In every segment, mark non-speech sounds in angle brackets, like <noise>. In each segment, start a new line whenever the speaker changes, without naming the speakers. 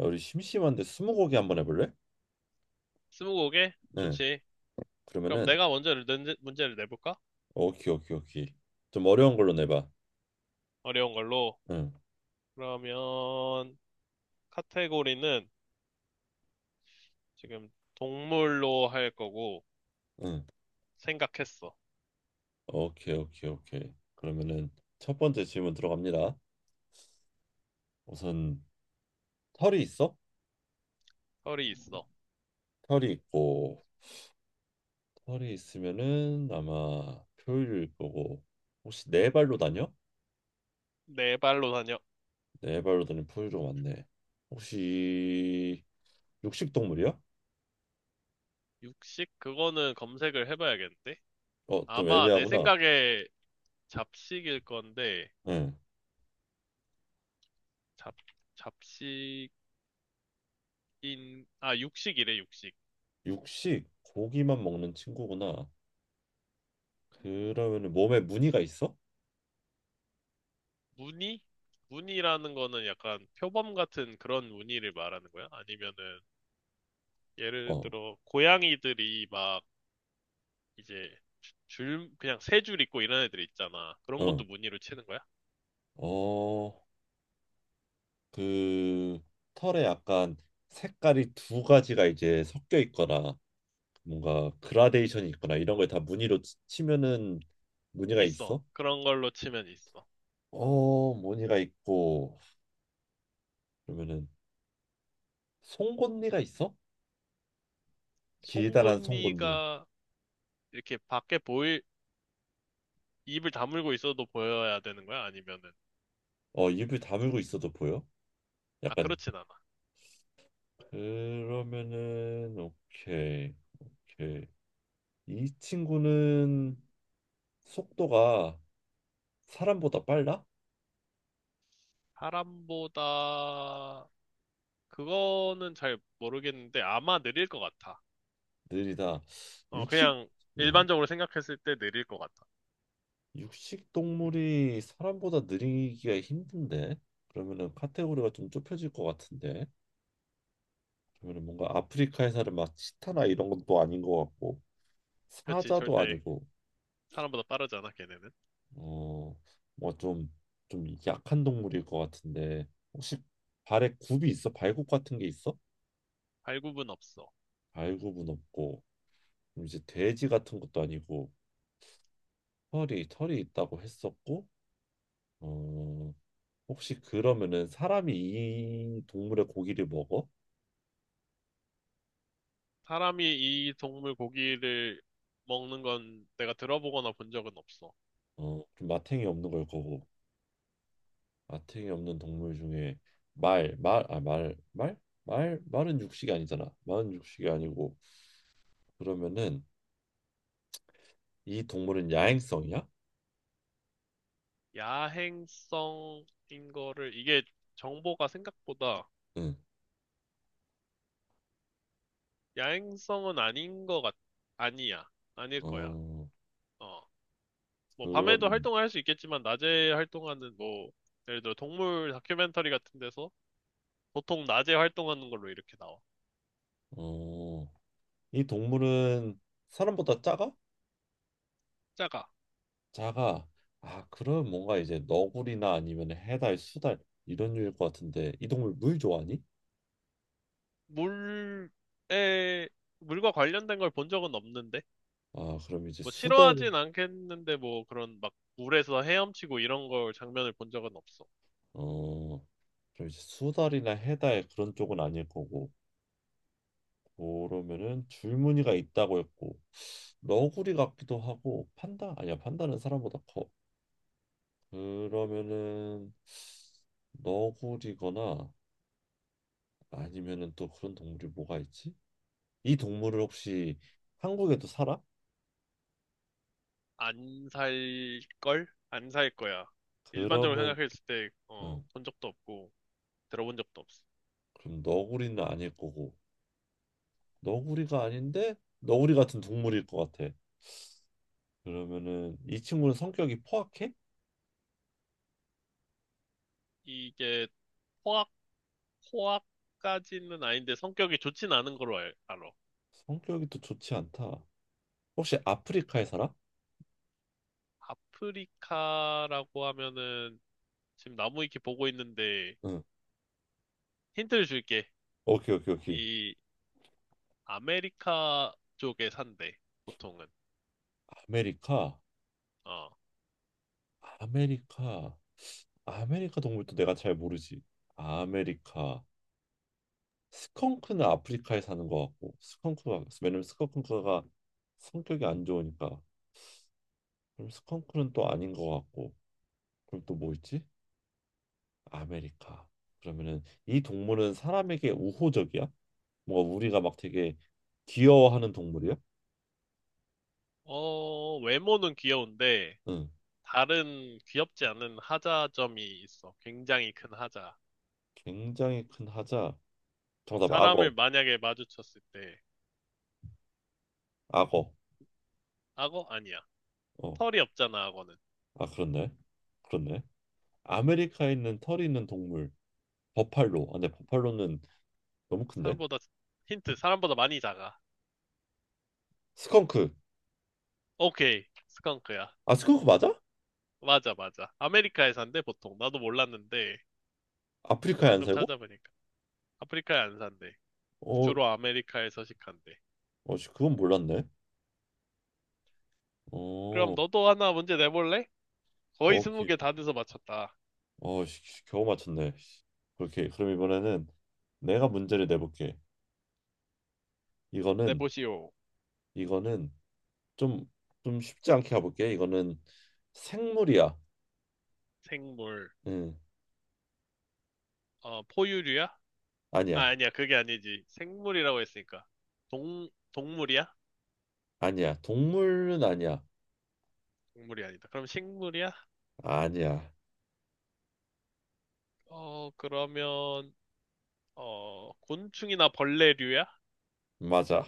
야, 우리 심심한데 스무고개 한번 해볼래?
스무고개?
응.
좋지. 그럼
그러면은
내가 먼저 문제를 내볼까?
오케이 오케이 오케이. 좀 어려운 걸로 내봐.
어려운 걸로.
응.
그러면 카테고리는 지금 동물로 할 거고
응.
생각했어.
오케이 오케이 오케이. 그러면은 첫 번째 질문 들어갑니다. 우선 털이 있어?
털이 있어.
털이 있고 털이 있으면은 아마 포유류일 거고 혹시 네 발로 다녀?
네 발로 다녀.
네 발로 다니는 포유류 맞네. 혹시 육식 동물이야?
육식? 그거는 검색을 해봐야겠는데?
어, 좀
아마 내
애매하구나.
생각에 잡식일 건데
응.
잡 잡식인 아 육식이래 육식.
육식 고기만 먹는 친구구나. 그러면은 몸에 무늬가 있어?
무늬? 무늬라는 거는 약간 표범 같은 그런 무늬를 말하는 거야? 아니면은 예를
어,
들어 고양이들이 막 이제 줄 그냥 3줄 있고 이런 애들 있잖아. 그런
어,
것도 무늬로 치는 거야?
어, 그 털에 약간 색깔이 두 가지가 이제 섞여 있거나 뭔가 그라데이션이 있거나 이런 걸 다 무늬로 치면은 무늬가
있어.
있어?
그런 걸로 치면 있어.
어, 무늬가 있고 그러면은 송곳니가 있어? 길다란 송곳니.
송곳니가 이렇게 밖에 보일 입을 다물고 있어도 보여야 되는 거야? 아니면은
어, 입을 다물고 있어도 보여?
아
약간
그렇진 않아.
그러면은 오케이, 오케이. 이 친구는 속도가 사람보다 빨라?
사람보다 그거는 잘 모르겠는데 아마 느릴 것 같아.
느리다. 육식
그냥
음,
일반적으로 생각했을 때 느릴 것 같아.
육식 동물이 사람보다 느리기가 힘든데 그러면은 카테고리가 좀 좁혀질 것 같은데 그러면은 뭔가 아프리카에 사는 막 치타나 이런 것도 아닌 것 같고
그렇지
사자도
절대
아니고
사람보다 빠르잖아 걔네는.
어뭐좀 좀 약한 동물일 것 같은데 혹시 발에 굽이 있어? 발굽 같은 게 있어?
발굽은 없어.
발굽은 없고 그럼 이제 돼지 같은 것도 아니고 털이 있다고 했었고 어 혹시 그러면은 사람이 이 동물의 고기를 먹어?
사람이 이 동물 고기를 먹는 건 내가 들어보거나 본 적은 없어.
어, 좀 마탱이 없는 걸 거고. 마탱이 없는 동물 중에 말, 말, 아, 말, 말? 말, 말은 육식이 아니잖아. 말은 육식이 아니고. 그러면은 이 동물은 야행성이야?
야행성인 거를, 이게 정보가 생각보다
응.
야행성은 아닌 거 아니야. 아닐 거야.
어,
어. 뭐, 밤에도
그러면
활동할 수 있겠지만, 낮에 활동하는 뭐, 예를 들어 동물 다큐멘터리 같은 데서 보통 낮에 활동하는 걸로 이렇게 나와.
어, 이 동물은 사람보다 작아?
작아.
작아. 아, 그럼 뭔가 이제 너구리나 아니면 해달, 수달 이런 류일 것 같은데 이 동물 물 좋아하니?
물에, 물과 관련된 걸 본 적은 없는데?
아, 그럼 이제
뭐
수달
싫어하진 않겠는데 뭐 그런 막 물에서 헤엄치고 이런 걸 장면을 본 적은 없어.
어, 그럼 이제 수달이나 해달 그런 쪽은 아닐 거고 그러면은 줄무늬가 있다고 했고 너구리 같기도 하고 판다 아니야 판다는 사람보다 커 그러면은 너구리거나 아니면은 또 그런 동물이 뭐가 있지? 이 동물을 혹시 한국에도 살아?
안 살 걸? 안 살 거야. 일반적으로
그러면
생각했을 때,
응,
본 적도 없고, 들어본 적도 없어.
그럼 너구리는 아닐 거고 너구리가 아닌데 너구리 같은 동물일 것 같아 그러면은 이 친구는 성격이 포악해?
이게 포악, 포악까지는 아닌데 성격이 좋진 않은 걸로 알아.
성격이 또 좋지 않다. 혹시 아프리카에 살아?
아프리카라고 하면은 지금 나무 위키 보고 있는데
응.
힌트를 줄게.
오케이, 오케이, 오케이.
이 아메리카 쪽에 산대, 보통은.
아메리카,
어.
아메리카, 아메리카 동물도 내가 잘 모르지. 아메리카. 스컹크는 아프리카에 사는 것 같고, 스컹크가 왜냐면 스컹크가 성격이 안 좋으니까. 그럼 스컹크는 또 아닌 것 같고, 그럼 또 뭐 있지? 아메리카. 그러면은 이 동물은 사람에게 우호적이야? 뭔가 우리가 막 되게 귀여워하는 동물이야?
어, 외모는 귀여운데,
응.
다른 귀엽지 않은 하자점이 있어. 굉장히 큰 하자.
굉장히 큰 하자.
어,
정답 악어.
사람을 만약에 마주쳤을 때,
악어.
악어? 아니야.
어.
털이 없잖아, 악어는.
아 그렇네. 그렇네. 아메리카에 있는 털이 있는 동물. 버팔로. 아 근데 버팔로는 너무 큰데.
사람보다, 힌트, 사람보다 많이 작아.
스컹크.
오케이, 스컹크야.
아 스컹크 맞아?
맞아, 맞아. 아메리카에 산대, 보통. 나도 몰랐는데,
아프리카에 안
방금
살고?
찾아보니까. 아프리카에 안 산대.
어.
주로 아메리카에 서식한대.
어 씨, 그건 몰랐네. 어.
그럼
어,
너도 하나 문제 내볼래? 거의 스무
오케이.
개 다 돼서 맞췄다.
어 씨, 씨, 겨우 맞췄네. 씨. 그렇게 그럼 이번에는 내가 문제를 내볼게. 이거는
내보시오.
이거는 좀 좀 쉽지 않게 가볼게. 이거는 생물이야.
생물.
응.
어, 포유류야? 아,
아니야.
아니야. 그게 아니지. 생물이라고 했으니까. 동물이야?
아니야. 동물은 아니야.
동물이 아니다. 그럼 식물이야?
아니야.
어, 그러면, 어, 곤충이나 벌레류야?
맞아.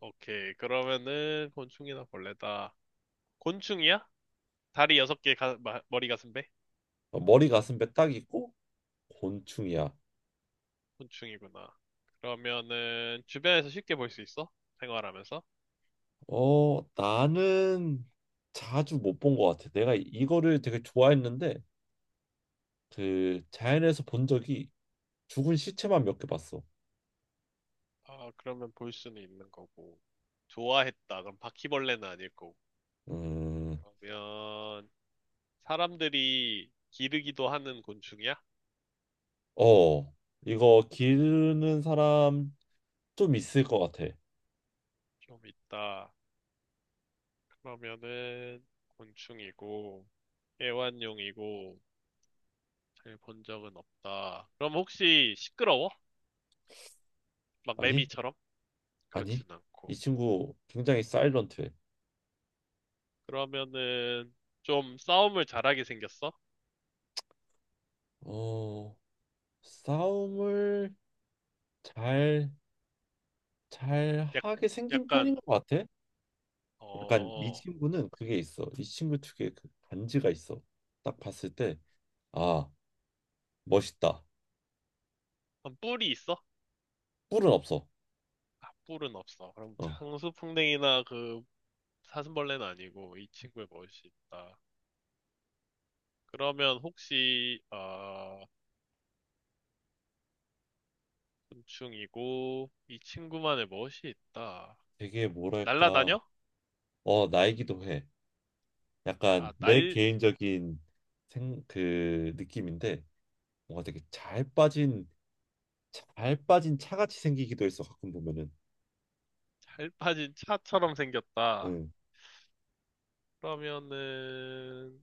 오케이. 그러면은, 곤충이나 벌레다. 곤충이야? 다리 6개, 가, 머리 가슴 배?
어, 머리 가슴배 딱 있고 곤충이야.
곤충이구나. 그러면은, 주변에서 쉽게 볼 수 있어? 생활하면서?
어, 나는 자주 못 본 것 같아. 내가 이거를 되게 좋아했는데 그 자연에서 본 적이 죽은 시체만 몇 개 봤어.
아, 그러면 볼 수는 있는 거고. 좋아했다. 그럼 바퀴벌레는 아닐 거고.
음,
그러면, 사람들이 기르기도 하는 곤충이야?
어, 이거 기르는 사람 좀 있을 것 같아.
좀 있다. 그러면은 곤충이고 애완용이고 잘 본 적은 없다. 그럼 혹시 시끄러워? 막
아니,
매미처럼?
아니,
그렇진
이
않고.
친구 굉장히 사일런트해.
그러면은 좀 싸움을 잘하게 생겼어?
어, 싸움을 잘, 잘
약,
하게 생긴
약간
편인 것 같아. 약간 이
어
친구는 그게 있어. 이 친구 특유의 그 간지가 있어. 딱 봤을 때, 아, 멋있다.
그럼 뿔이 있어?
뿔은 없어.
아 뿔은 없어. 그럼
어,
장수풍뎅이나 그 사슴벌레는 아니고 이 친구의 멋이 있다. 그러면 혹시 아 곤충이고 이 친구만의 멋이 있다.
되게 뭐랄까,
날라다녀?
어, 나이기도 해. 약간
아,
내
날
개인적인 그 느낌인데, 뭔가 되게 잘 빠진, 잘 빠진 차같이 생기기도 해서 가끔 보면은,
잘 빠진 차처럼 생겼다.
응.
그러면은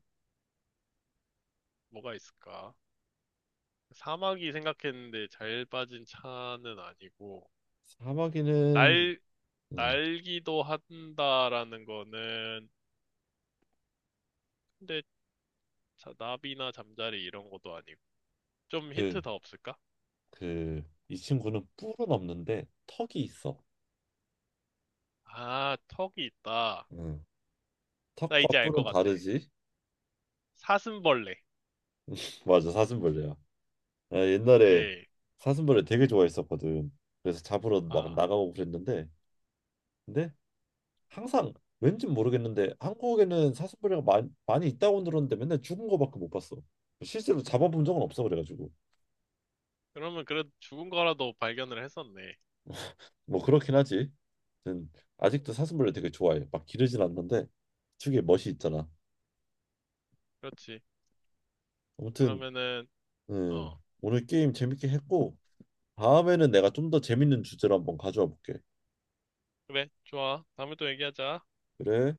뭐가 있을까? 사막이 생각했는데 잘 빠진 차는 아니고
사마귀는,
날
응.
날기도 한다라는 거는 근데 나비나 잠자리 이런 것도 아니고 좀
그,
힌트 더 없을까?
그, 이 친구는 뿔은 없는데 턱이 있어.
아, 턱이 있다.
응.
나
턱과
이제 알 것
뿔은
같아.
다르지?
사슴벌레.
<laughs> 맞아, 사슴벌레야. 아, 옛날에
오케이.
사슴벌을 되게 좋아했었거든. 그래서 잡으러 막
아,
나가고 그랬는데, 근데 항상 왠지 모르겠는데 한국에는 사슴벌이가 많이, 많이 있다고 들었는데 맨날 죽은 거밖에 못 봤어. 실제로 잡아본 적은 없어 그래가지고
그러면 그래도 죽은 거라도 발견을 했었네.
뭐 그렇긴 하지. 아무튼 아직도 사슴벌레 되게 좋아해. 막 기르진 않는데 특유의 멋이 있잖아.
그렇지.
아무튼
그러면은 어.
오늘 게임 재밌게 했고 다음에는 내가 좀 더 재밌는 주제로 한번 가져와 볼게.
그래, 좋아. 다음에 또 얘기하자.
그래.